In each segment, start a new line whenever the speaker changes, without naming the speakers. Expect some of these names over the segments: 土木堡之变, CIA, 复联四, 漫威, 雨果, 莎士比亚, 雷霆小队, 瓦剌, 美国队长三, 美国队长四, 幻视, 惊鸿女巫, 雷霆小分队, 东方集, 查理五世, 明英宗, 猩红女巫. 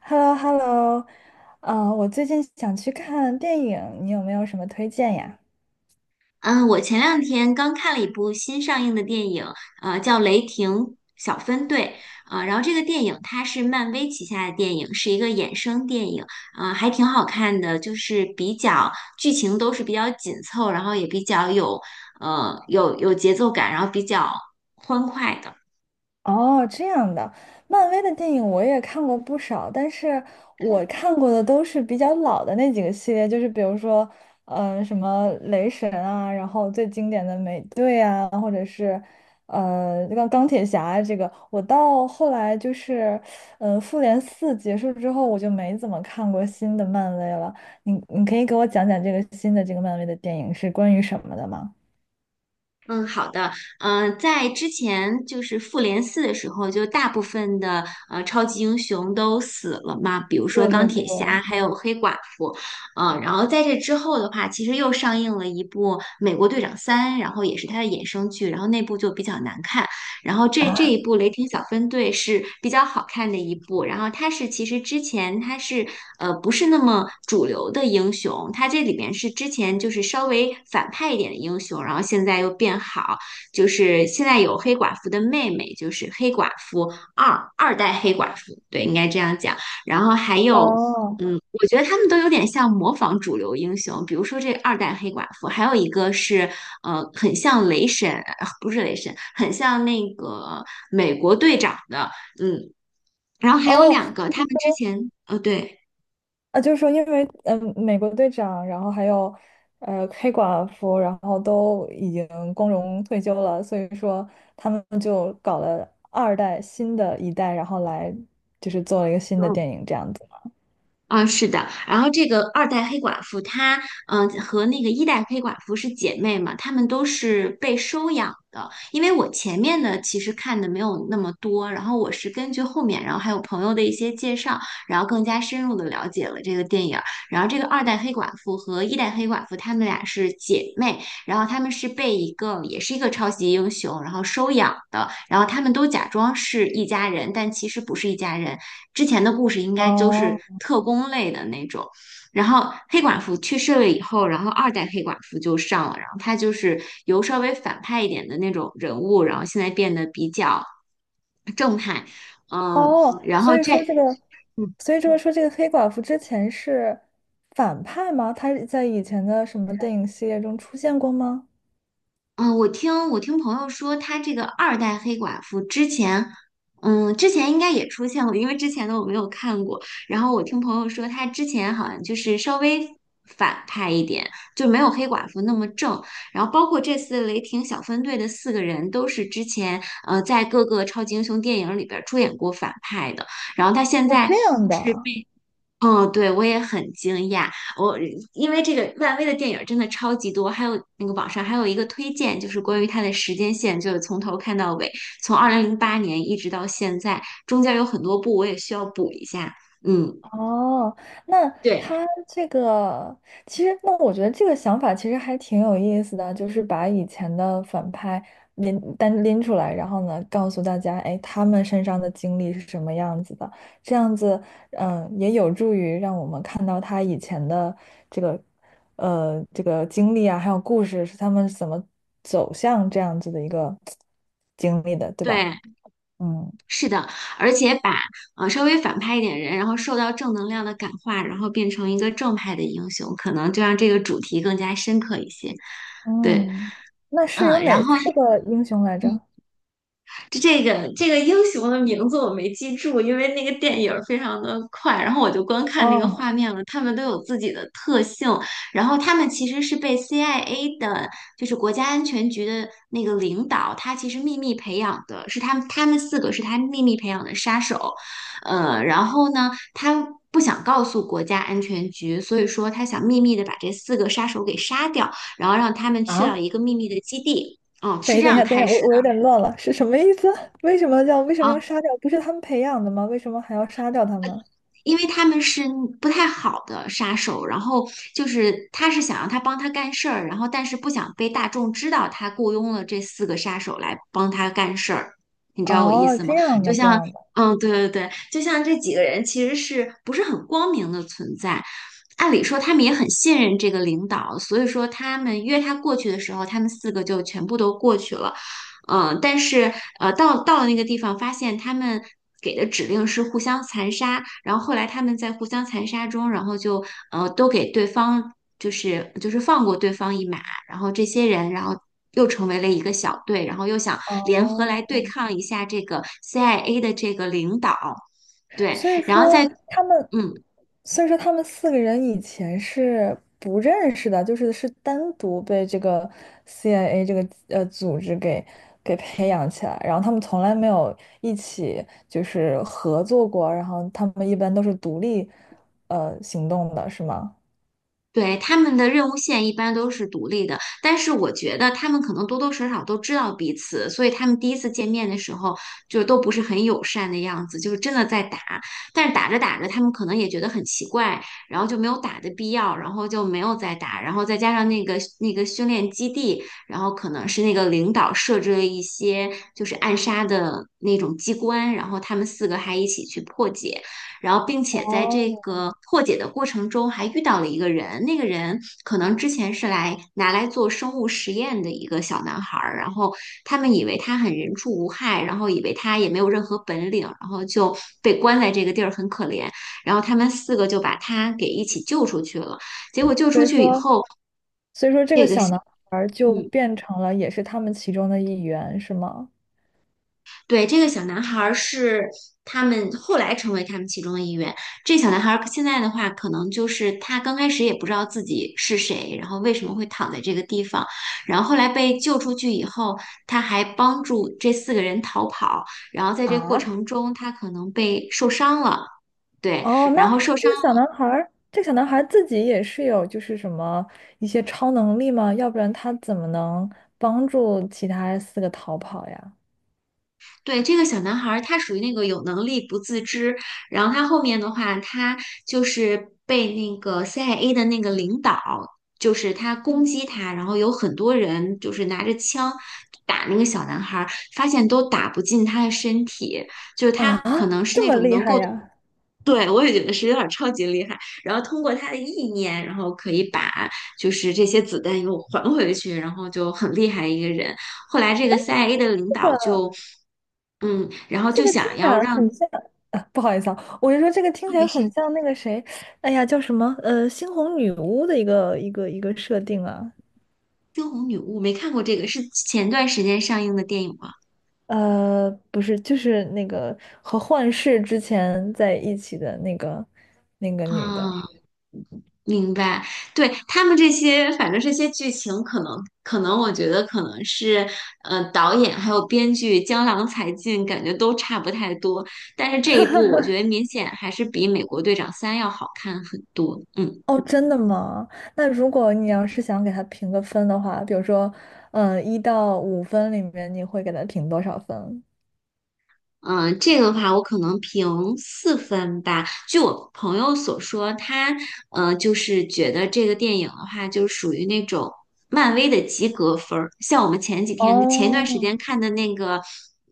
h e l l o h e l l o 我最近想去看电影，你有没有什么推荐呀？
嗯，我前两天刚看了一部新上映的电影，叫《雷霆小分队》。啊、然后这个电影它是漫威旗下的电影，是一个衍生电影，啊、还挺好看的，就是比较剧情都是比较紧凑，然后也比较有有节奏感，然后比较欢快的。
哦，这样的，漫威的电影我也看过不少，但是我看过的都是比较老的那几个系列，就是比如说，什么雷神啊，然后最经典的美队啊，或者是，钢铁侠啊这个，我到后来就是，复联四结束之后，我就没怎么看过新的漫威了。你可以给我讲讲这个新的这个漫威的电影是关于什么的吗？
嗯，好的。在之前就是复联四的时候，就大部分的超级英雄都死了嘛，比如说
对对
钢
对。
铁侠，还有黑寡妇。嗯，然后在这之后的话，其实又上映了一部《美国队长三》，然后也是它的衍生剧，然后那部就比较难看。然后这一部《雷霆小分队》是比较好看的一部，然后他是其实之前他是不是那么主流的英雄，他这里面是之前就是稍微反派一点的英雄，然后现在又变好，就是现在有黑寡妇的妹妹，就是黑寡妇二二代黑寡妇，对，应该这样讲，然后还有。
哦。
嗯，我觉得他们都有点像模仿主流英雄，比如说这个二代黑寡妇，还有一个是很像雷神，不是雷神，很像那个美国队长的。嗯，然后还有
哦，
两个，他们之前，对。
啊，就是说，因为美国队长，然后还有黑寡妇，然后都已经光荣退休了，所以说他们就搞了二代新的一代，然后来就是做了一个新的
嗯。
电影这样子。
啊，是的，然后这个二代黑寡妇她，和那个一代黑寡妇是姐妹嘛，她们都是被收养的。因为我前面的其实看的没有那么多，然后我是根据后面，然后还有朋友的一些介绍，然后更加深入的了解了这个电影儿。然后这个二代黑寡妇和一代黑寡妇，她们俩是姐妹，然后她们是被一个也是一个超级英雄，然后收养的，然后她们都假装是一家人，但其实不是一家人。之前的故事应该都是
哦
特工类的那种。然后黑寡妇去世了以后，然后二代黑寡妇就上了，然后她就是由稍微反派一点的那种人物，然后现在变得比较正派。嗯，
哦，
然后
所以
这
说这个，所以说这个黑寡妇之前是反派吗？她在以前的什么电影系列中出现过吗？
嗯，我听朋友说，他这个二代黑寡妇之前，之前应该也出现过，因为之前的我没有看过。然后我听朋友说，他之前好像就是稍微反派一点，就没有黑寡妇那么正。然后包括这次雷霆小分队的四个人，都是之前在各个超级英雄电影里边儿出演过反派的。然后他现
哦，
在。
这样
是
的。
被。嗯，对，我也很惊讶。我因为这个漫威的电影真的超级多，还有那个网上还有一个推荐，就是关于它的时间线，就是从头看到尾，从2008年一直到现在，中间有很多部我也需要补一下。嗯，
哦，那
对
他这个其实，那我觉得这个想法其实还挺有意思的，就是把以前的反派拎单拎出来，然后呢，告诉大家，哎，他们身上的经历是什么样子的，这样子，嗯，也有助于让我们看到他以前的这个，这个经历啊，还有故事是他们怎么走向这样子的一个经历的，对吧？
对，
嗯
是的，而且把稍微反派一点人，然后受到正能量的感化，然后变成一个正派的英雄，可能就让这个主题更加深刻一些。对。
嗯，那是有
然
哪
后。
四个英雄来着？
这个英雄的名字我没记住，因为那个电影儿非常的快，然后我就光看那个
哦，
画面了。他们都有自己的特性，然后他们其实是被 CIA 的，就是国家安全局的那个领导，他其实秘密培养的，是他们四个是他秘密培养的杀手。然后呢，他不想告诉国家安全局，所以说他想秘密的把这四个杀手给杀掉，然后让他们去到
啊，
一个秘密的基地，是这
等一
样
下，等一
开
下，
始
我有
的。
点乱了，是什么意思？为什么要杀掉？不是他们培养的吗？为什么还要杀掉他们？
因为他们是不太好的杀手，然后就是他是想让他帮他干事儿，然后但是不想被大众知道他雇佣了这四个杀手来帮他干事儿，你知道我意
哦，
思
这
吗？
样
就
的，这
像，
样的，
对对对，就像这几个人其实是不是很光明的存在？按理说他们也很信任这个领导，所以说他们约他过去的时候，他们四个就全部都过去了。嗯，但是到了那个地方，发现他们给的指令是互相残杀，然后后来他们在互相残杀中，然后就都给对方就是放过对方一马，然后这些人然后又成为了一个小队，然后又想联合
哦，
来对抗一下这个 CIA 的这个领导。对，
所以
然后
说
在
他们，
嗯。
所以说他们四个人以前是不认识的，就是是单独被这个 CIA 这个组织给培养起来，然后他们从来没有一起就是合作过，然后他们一般都是独立行动的，是吗？
对，他们的任务线一般都是独立的，但是我觉得他们可能多多少少都知道彼此，所以他们第一次见面的时候就都不是很友善的样子，就是真的在打。但是打着打着，他们可能也觉得很奇怪，然后就没有打的必要，然后就没有再打。然后再加上那个训练基地，然后可能是那个领导设置了一些就是暗杀的那种机关，然后他们四个还一起去破解。然后并且在这个破解的过程中还遇到了一个人，那个人可能之前是来拿来做生物实验的一个小男孩儿，然后他们以为他很人畜无害，然后以为他也没有任何本领，然后就被关在这个地儿很可怜，然后他们四个就把他给一起救出去了，结果救
所
出
以
去以
说，
后，
所以说这个
这个
小
小。
男孩儿就
嗯，
变成了也是他们其中的一员，是吗？
对，这个小男孩儿是他们后来成为他们其中的一员。这小男孩儿现在的话，可能就是他刚开始也不知道自己是谁，然后为什么会躺在这个地方，然后后来被救出去以后，他还帮助这四个人逃跑，然后在这过
啊，
程中，他可能被受伤了。对，
哦，
然
那
后受
这
伤。
个小男孩儿，这个小男孩儿自己也是有就是什么一些超能力吗？要不然他怎么能帮助其他四个逃跑呀？
对，这个小男孩儿，他属于那个有能力不自知，然后他后面的话，他就是被那个 CIA 的那个领导，就是他攻击他，然后有很多人就是拿着枪打那个小男孩儿，发现都打不进他的身体，就是他
啊，
可能是
这
那
么
种
厉
能
害
够。
呀？
对，我也觉得是有点儿超级厉害。然后通过他的意念，然后可以把就是这些子弹又还回去，然后就很厉害一个人。后来这个 CIA 的领导就，然后
这
就
个听
想
起
要
来很
让。
像 不好意思啊，我就说这个听
啊，
起
没
来
事，
很像那个谁，哎呀，叫什么？猩红女巫的一个设定啊。
《惊鸿女巫》没看过这个，是前段时间上映的电影吗？
不是，就是那个和幻视之前在一起的那个女的。
啊。明白，对，他们这些，反正这些剧情，可能可能我觉得可能是，导演还有编剧江郎才尽，感觉都差不太多。但是这一部，我觉得明显还是比《美国队长三》要好看很多。嗯。
哦，真的吗？那如果你要是想给她评个分的话，比如说，一到五分里面，你会给她评多少分？
嗯，这个的话，我可能评四分吧。据我朋友所说，他就是觉得这个电影的话，就属于那种漫威的及格分儿。像我们前几天、前一段时
哦，
间看的那个，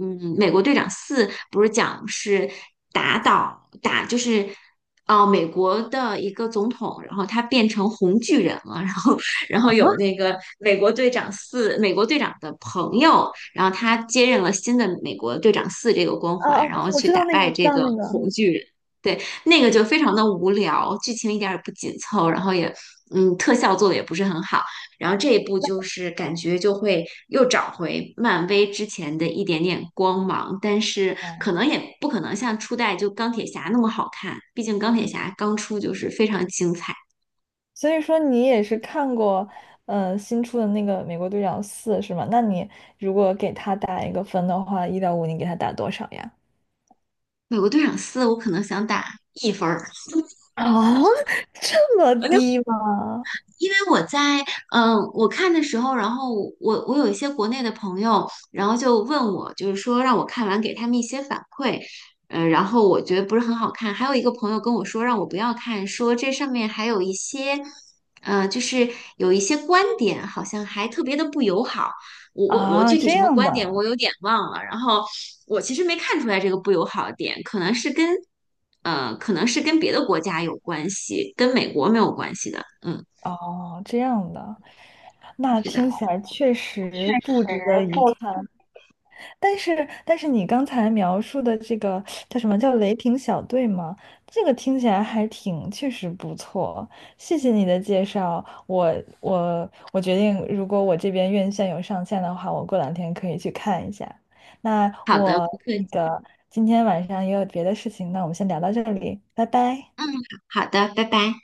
美国队长四》，不是讲是打倒打，就是哦、美国的一个总统，然后他变成红巨人了，然后有那个美国队长四，美国队长的朋友。然后他接任了新的美国队长四这个光
啊啊，
环，
啊
然后
我
去
知道
打
那个，
败
我知
这
道
个
那个。
红巨人。对，那个就非常的无聊，剧情一点儿也不紧凑，然后也，特效做的也不是很好。然后这一部就是感觉就会又找回漫威之前的一点点光芒，但是
哦，
可能也不可能像初代就钢铁侠那么好看，毕竟钢铁
嗯，
侠刚出就是非常精彩。
所以说你也是看过，新出的那个《美国队长四》是吗？那你如果给他打一个分的话，一到五，你给他打多少呀？
美国队长四我可能想打一分儿。
啊，这么低吗？
因为我在我看的时候，然后我有一些国内的朋友，然后就问我，就是说让我看完给他们一些反馈。然后我觉得不是很好看。还有一个朋友跟我说让我不要看，说这上面还有一些，就是有一些观点好像还特别的不友好。我
啊，
具体
这
什么
样
观点我
的，
有点忘了。然后我其实没看出来这个不友好的点，可能是跟可能是跟别的国家有关系，跟美国没有关系的。嗯，
哦，这样的，那
是
听
的。
起来确实不值得一
不，
看。但是你刚才描述的这个叫什么叫雷霆小队吗？这个听起来还挺，确实不错。谢谢你的介绍，我决定，如果我这边院线有上线的话，我过两天可以去看一下。那
好的，
我
不客
那
气。
个今天晚上也有别的事情，那我们先聊到这里，拜拜。
嗯，好好的，拜拜。